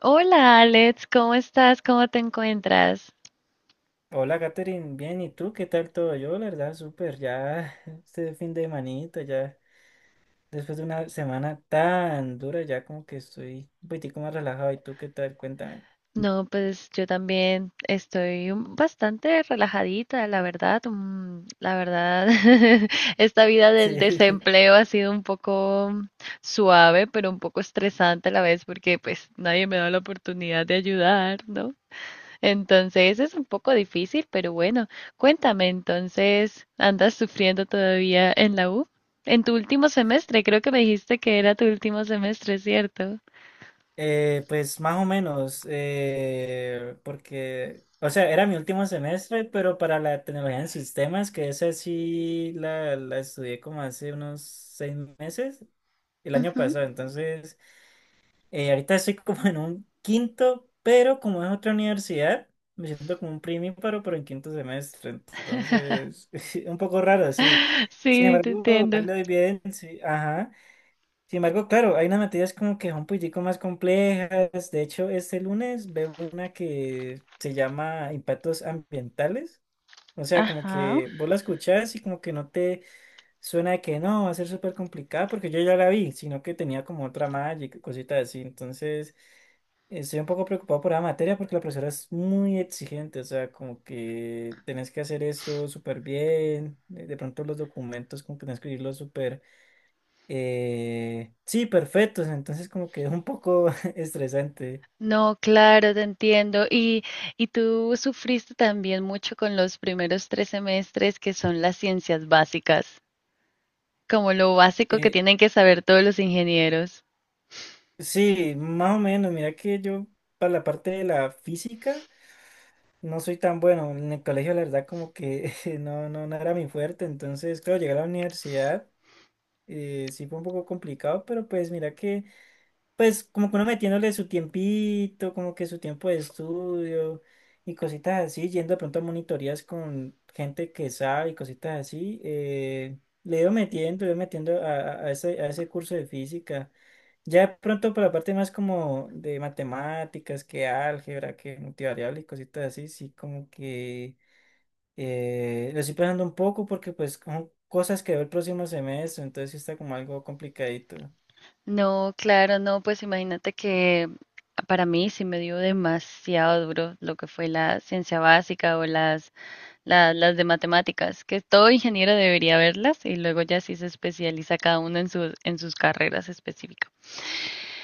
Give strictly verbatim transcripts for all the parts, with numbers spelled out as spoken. Hola Alex, ¿cómo estás? ¿Cómo te encuentras? Hola, Katherine, bien, ¿y tú qué tal todo? Yo, la verdad, súper, ya este fin de manito, ya después de una semana tan dura, ya como que estoy un poquitico más relajado. ¿Y tú qué tal? Cuéntame. No, pues yo también estoy un- bastante relajadita, la verdad. mm, La verdad, esta vida del Sí, desempleo ha sido un poco mm, suave, pero un poco estresante a la vez porque pues nadie me da la oportunidad de ayudar, ¿no? Entonces es un poco difícil, pero bueno, cuéntame, entonces, ¿andas sufriendo todavía en la U? En tu último semestre, creo que me dijiste que era tu último semestre, ¿cierto? eh, pues más o menos, eh, porque, o sea, era mi último semestre, pero para la tecnología en sistemas, que esa sí la, la estudié como hace unos seis meses, el año Ujú. pasado, entonces. Eh, ahorita estoy como en un quinto, pero como es otra universidad, me siento como un primíparo, pero en quinto semestre. Entonces, un poco raro, sí. Sin Sí, te embargo, ahí entiendo. le doy bien, sí. Ajá. Sin embargo, claro, hay unas materias como que son un poquitico más complejas. De hecho, este lunes veo una que se llama impactos ambientales. O sea, como Ajá. que vos la escuchás y como que no te suena que no, va a ser súper complicada porque yo ya la vi, sino que tenía como otra malla y cositas así. Entonces, estoy un poco preocupado por la materia porque la profesora es muy exigente, o sea, como que tenés que hacer esto súper bien, de de pronto los documentos como que tenés que escribirlos súper, eh, sí, perfectos, entonces como que es un poco estresante. No, claro, te entiendo. Y, y tú sufriste también mucho con los primeros tres semestres que son las ciencias básicas, como lo básico que Eh, tienen que saber todos los ingenieros. sí, más o menos, mira que yo para la parte de la física. No soy tan bueno. En el colegio, la verdad, como que no, no, no era mi fuerte. Entonces, claro, llegué a la universidad, eh, sí fue un poco complicado, pero pues mira que, pues como que uno metiéndole su tiempito, como que su tiempo de estudio y cositas así, yendo de pronto a monitorías con gente que sabe y cositas así, eh, le iba metiendo, le iba metiendo a, a- a ese, a ese curso de física. Ya de pronto por la parte más como de matemáticas, que álgebra, que multivariable y cositas así, sí como que eh, lo estoy pensando un poco porque pues son cosas que veo el próximo semestre, entonces sí está como algo complicadito. No, claro, no, pues imagínate que para mí sí me dio demasiado duro lo que fue la ciencia básica o las, la- las de matemáticas, que todo ingeniero debería verlas y luego ya sí se especializa cada uno en sus, en sus carreras específicas.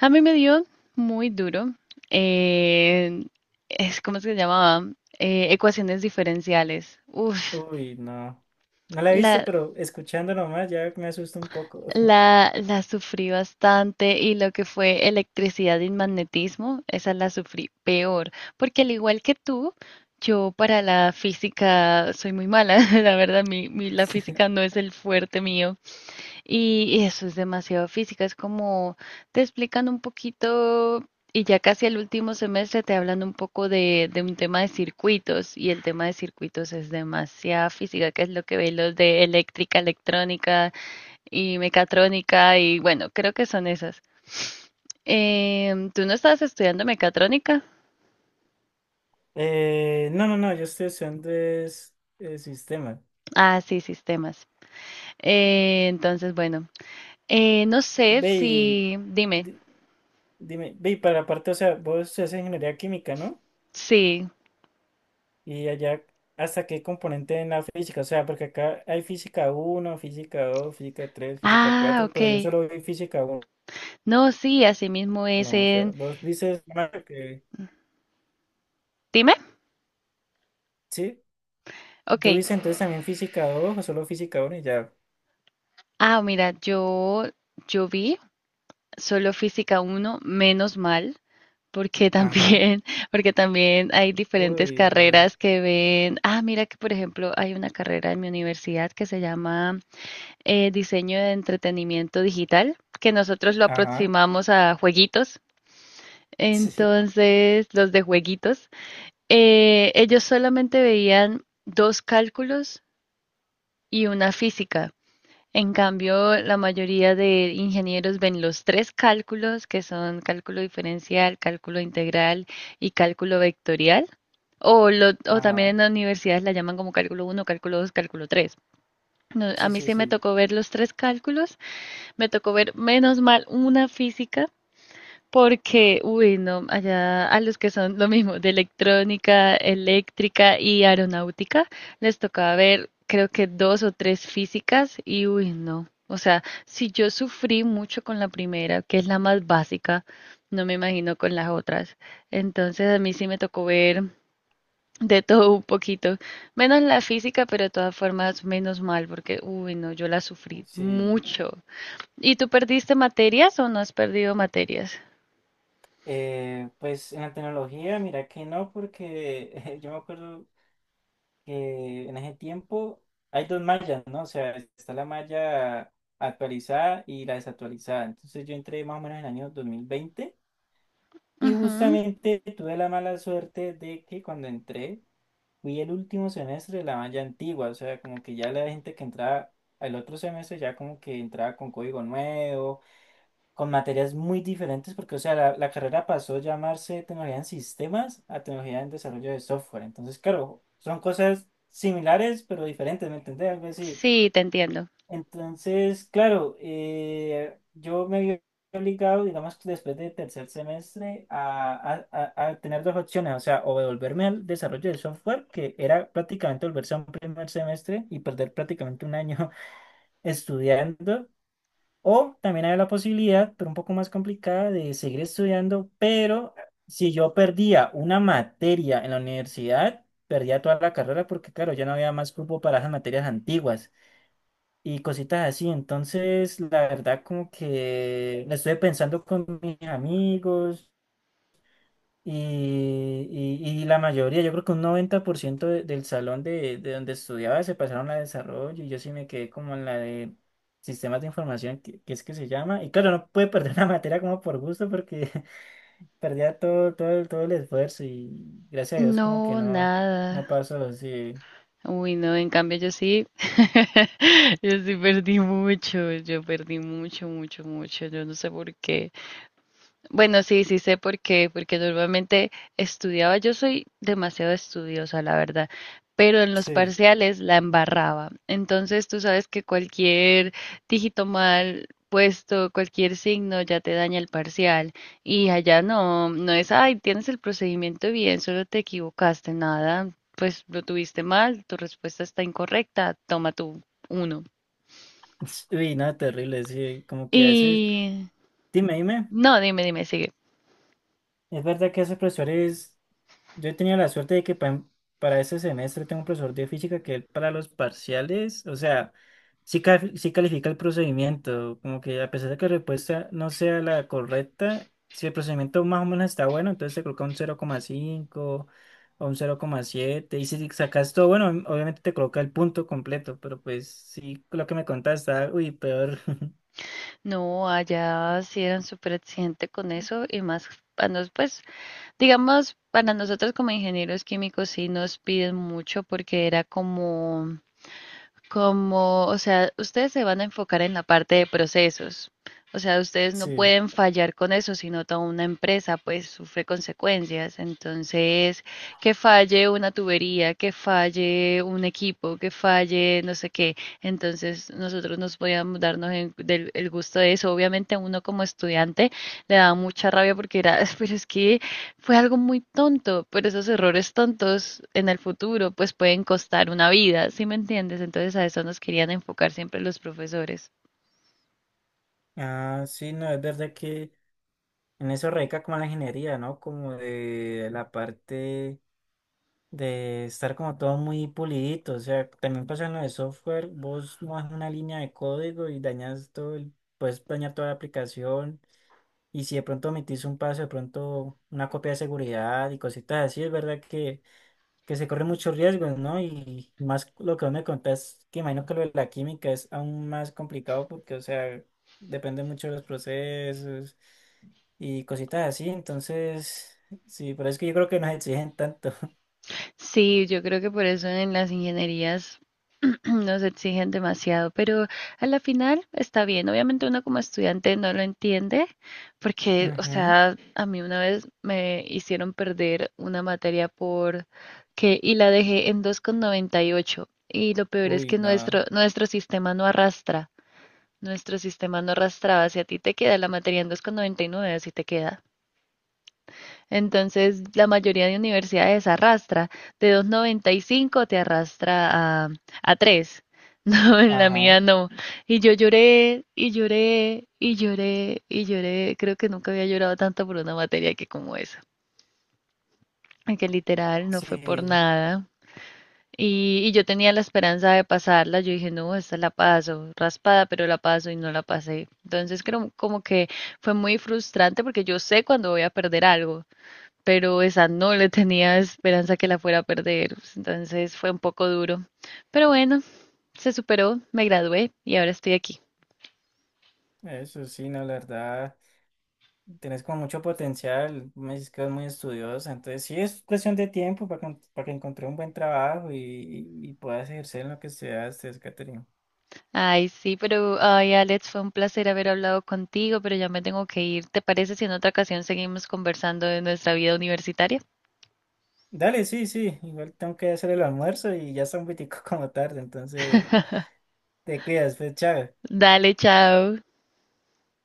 A mí me dio muy duro, eh, es, ¿cómo se llamaba? Eh, ecuaciones diferenciales. Uf, Uy, no. No la he visto, la, pero escuchando nomás ya me asusta un poco. la, la sufrí bastante y lo que fue electricidad y magnetismo, esa la sufrí peor, porque al igual que tú, yo para la física soy muy mala, la verdad, mi, mi- la física no es el fuerte mío y, eso es demasiado física, es como te explican un poquito y ya casi al último semestre te hablan un poco de, de un tema de circuitos y el tema de circuitos es demasiada física, que es lo que ve los de eléctrica, electrónica y mecatrónica y bueno, creo que son esas. Em, ¿tú no estabas estudiando mecatrónica? Eh, no, no, no, yo estoy usando es, eh, sistema. Ah, sí, sistemas. Eh, entonces, bueno, eh, no sé Ve y si, dime, di- dime, ve y para la parte, o sea, vos haces ingeniería química, ¿no? sí. Y allá, ¿hasta qué componente en la física? O sea, porque acá hay física uno, física dos, física tres, física Ah, cuatro, ok. pero yo solo vi física uno. No, sí, así mismo es O sea, en... vos dices, Mario, que Dime, sí, ok. tú dices entonces también física dos o solo física uno y ya. Ah, mira, yo, yo vi solo física uno menos mal. Porque Ajá. también, porque también hay diferentes Uy, eh, carreras que ven, ah, mira que por ejemplo hay una carrera en mi universidad que se llama eh, Diseño de Entretenimiento Digital, que nosotros lo ajá. aproximamos a jueguitos. Sí, Entonces, los de jueguitos, eh, ellos solamente veían dos cálculos y una física. En cambio, la mayoría de ingenieros ven los tres cálculos, que son cálculo diferencial, cálculo integral y cálculo vectorial, o, lo- o también en ajá. las universidades la llaman como cálculo uno, cálculo dos, cálculo tres. No, a Sí, mí sí, sí me sí. tocó ver los tres cálculos, me tocó ver menos mal una física porque, uy, no, allá a los que son lo mismo, de electrónica, eléctrica y aeronáutica, les tocaba ver, creo que dos o tres físicas y, uy, no. O sea, si yo sufrí mucho con la primera, que es la más básica, no me imagino con las otras. Entonces a mí sí me tocó ver de todo un poquito, menos la física, pero de todas formas menos mal, porque, uy, no, yo la sufrí Sí. mucho. ¿Y tú perdiste materias o no has perdido materias? Eh, pues en la tecnología, mira que no, porque yo me acuerdo que en ese tiempo hay dos mallas, ¿no? O sea, está la malla actualizada y la desactualizada. Entonces yo entré más o menos en el año dos mil veinte y Ujú. justamente tuve la mala suerte de que cuando entré fui el último semestre de la malla antigua, o sea, como que ya la gente que entraba al otro semestre ya como que entraba con código nuevo, con materias muy diferentes, porque, o sea, la, la carrera pasó a llamarse tecnología en sistemas a tecnología en desarrollo de software. Entonces, claro, son cosas similares, pero diferentes, ¿me entendés? Algo así. Sí, te entiendo. Entonces, claro, eh, yo me vi obligado, digamos, que después de tercer semestre, a, a- a- a tener dos opciones, o sea, o devolverme al desarrollo de software, que era prácticamente volverse a un primer semestre y perder prácticamente un año estudiando, o también hay la posibilidad, pero un poco más complicada, de seguir estudiando, pero si yo perdía una materia en la universidad, perdía toda la carrera porque, claro, ya no había más cupo para esas materias antiguas y cositas así. Entonces, la verdad, como que la estuve pensando con mis amigos. Y, y- y la mayoría, yo creo que un noventa por ciento de- del salón de, de donde estudiaba se pasaron a desarrollo y yo sí me quedé como en la de sistemas de información, que, que es que se llama. Y claro, no pude perder la materia como por gusto porque perdía todo, todo, el- todo el esfuerzo y gracias a Dios como que No, no, no nada. pasó, sí. Uy, no, en cambio yo sí, yo sí perdí mucho, yo perdí mucho, mucho, mucho, yo no sé por qué. Bueno, sí, sí sé por qué, porque normalmente estudiaba, yo soy demasiado estudiosa, la verdad, pero en los Sí. parciales la embarraba. Entonces tú sabes que cualquier dígito mal puesto, cualquier signo ya te daña el parcial y allá no, no es, ay, tienes el procedimiento bien, solo te equivocaste, nada, pues lo tuviste mal, tu respuesta está incorrecta, toma tu uno. Uy, no, terrible, sí, como que a veces, Y dime, dime, no, dime, dime, sigue. ¿es verdad que esos profesores... Yo he tenido la suerte de que pa- para este semestre tengo un profesor de física que él para los parciales, o sea, sí, ca- sí califica el procedimiento, como que a pesar de que la respuesta no sea la correcta, si el procedimiento más o menos está bueno, entonces te coloca un cero coma cinco o un cero coma siete y si sacas todo bueno, em, obviamente te coloca el punto completo, pero pues sí, lo que me contaste está, uy, peor. No, allá sí eran súper exigente con eso y más para nos, pues, digamos, para nosotros como ingenieros químicos sí nos piden mucho porque era como como, o sea, ustedes se van a enfocar en la parte de procesos. O sea, ustedes no Sí, pueden fallar con eso, sino toda una empresa pues sufre consecuencias. Entonces, que falle una tubería, que falle un equipo, que falle no sé qué. Entonces, nosotros nos podíamos darnos en- del- el gusto de eso. Obviamente, uno como estudiante le da mucha rabia porque era, pero es que fue algo muy tonto, pero esos errores tontos en el futuro pues pueden costar una vida, ¿sí me entiendes? Entonces a eso nos querían enfocar siempre los profesores. ah, sí, no, es verdad que en eso radica como la ingeniería, ¿no? Como de la parte de estar como todo muy pulidito. O sea, también pasa en lo de software, vos mojas una línea de código y dañas todo el, puedes dañar toda la aplicación. Y si de pronto omitís un paso, de pronto una copia de seguridad y cositas así, es verdad que, que se corren muchos riesgos, ¿no? Y más lo que vos me contás, que imagino que lo de la química es aún más complicado porque, o sea, depende mucho de los procesos y cositas así. Entonces, sí, pero es que yo creo que nos exigen tanto. Sí, yo creo que por eso en las ingenierías nos exigen demasiado, pero a la final está bien. Obviamente uno como estudiante no lo entiende, porque, o Ujú. sea, a mí una vez me hicieron perder una materia por que y la dejé en dos coma noventa y ocho y ocho y lo peor es Uy, que no. nuestro nuestro sistema no arrastra. Nuestro sistema no arrastraba si a ti te queda la materia en dos coma noventa y nueve, así te queda. Entonces, la mayoría de universidades arrastra, de dos coma noventa y cinco te arrastra a, a tres No, en la Ajá. mía no. Y yo lloré, y lloré, y lloré, y lloré. Creo que nunca había llorado tanto por una materia que como esa. Que literal no fue por Sí, nada. Y, y yo tenía la esperanza de pasarla, yo dije, no, esta la paso, raspada, pero la paso y no la pasé. Entonces creo como que fue muy frustrante porque yo sé cuando voy a perder algo, pero esa no le tenía esperanza que la fuera a perder. Entonces fue un poco duro. Pero bueno, se superó, me gradué y ahora estoy aquí. eso sí, no, la verdad, tenés como mucho potencial, me dices que es muy estudiosa, entonces sí es cuestión de tiempo para, con- para que encontré un buen trabajo y, y- y puedas ejercer en lo que estudiaste, Catherine. Ay, sí, pero, ay, Alex, fue un placer haber hablado contigo, pero ya me tengo que ir. ¿Te parece si en otra ocasión seguimos conversando de nuestra vida universitaria? Dale, sí, sí, igual tengo que hacer el almuerzo y ya está un poquitico como tarde, entonces te cuidas, pues, chao. Dale, chao.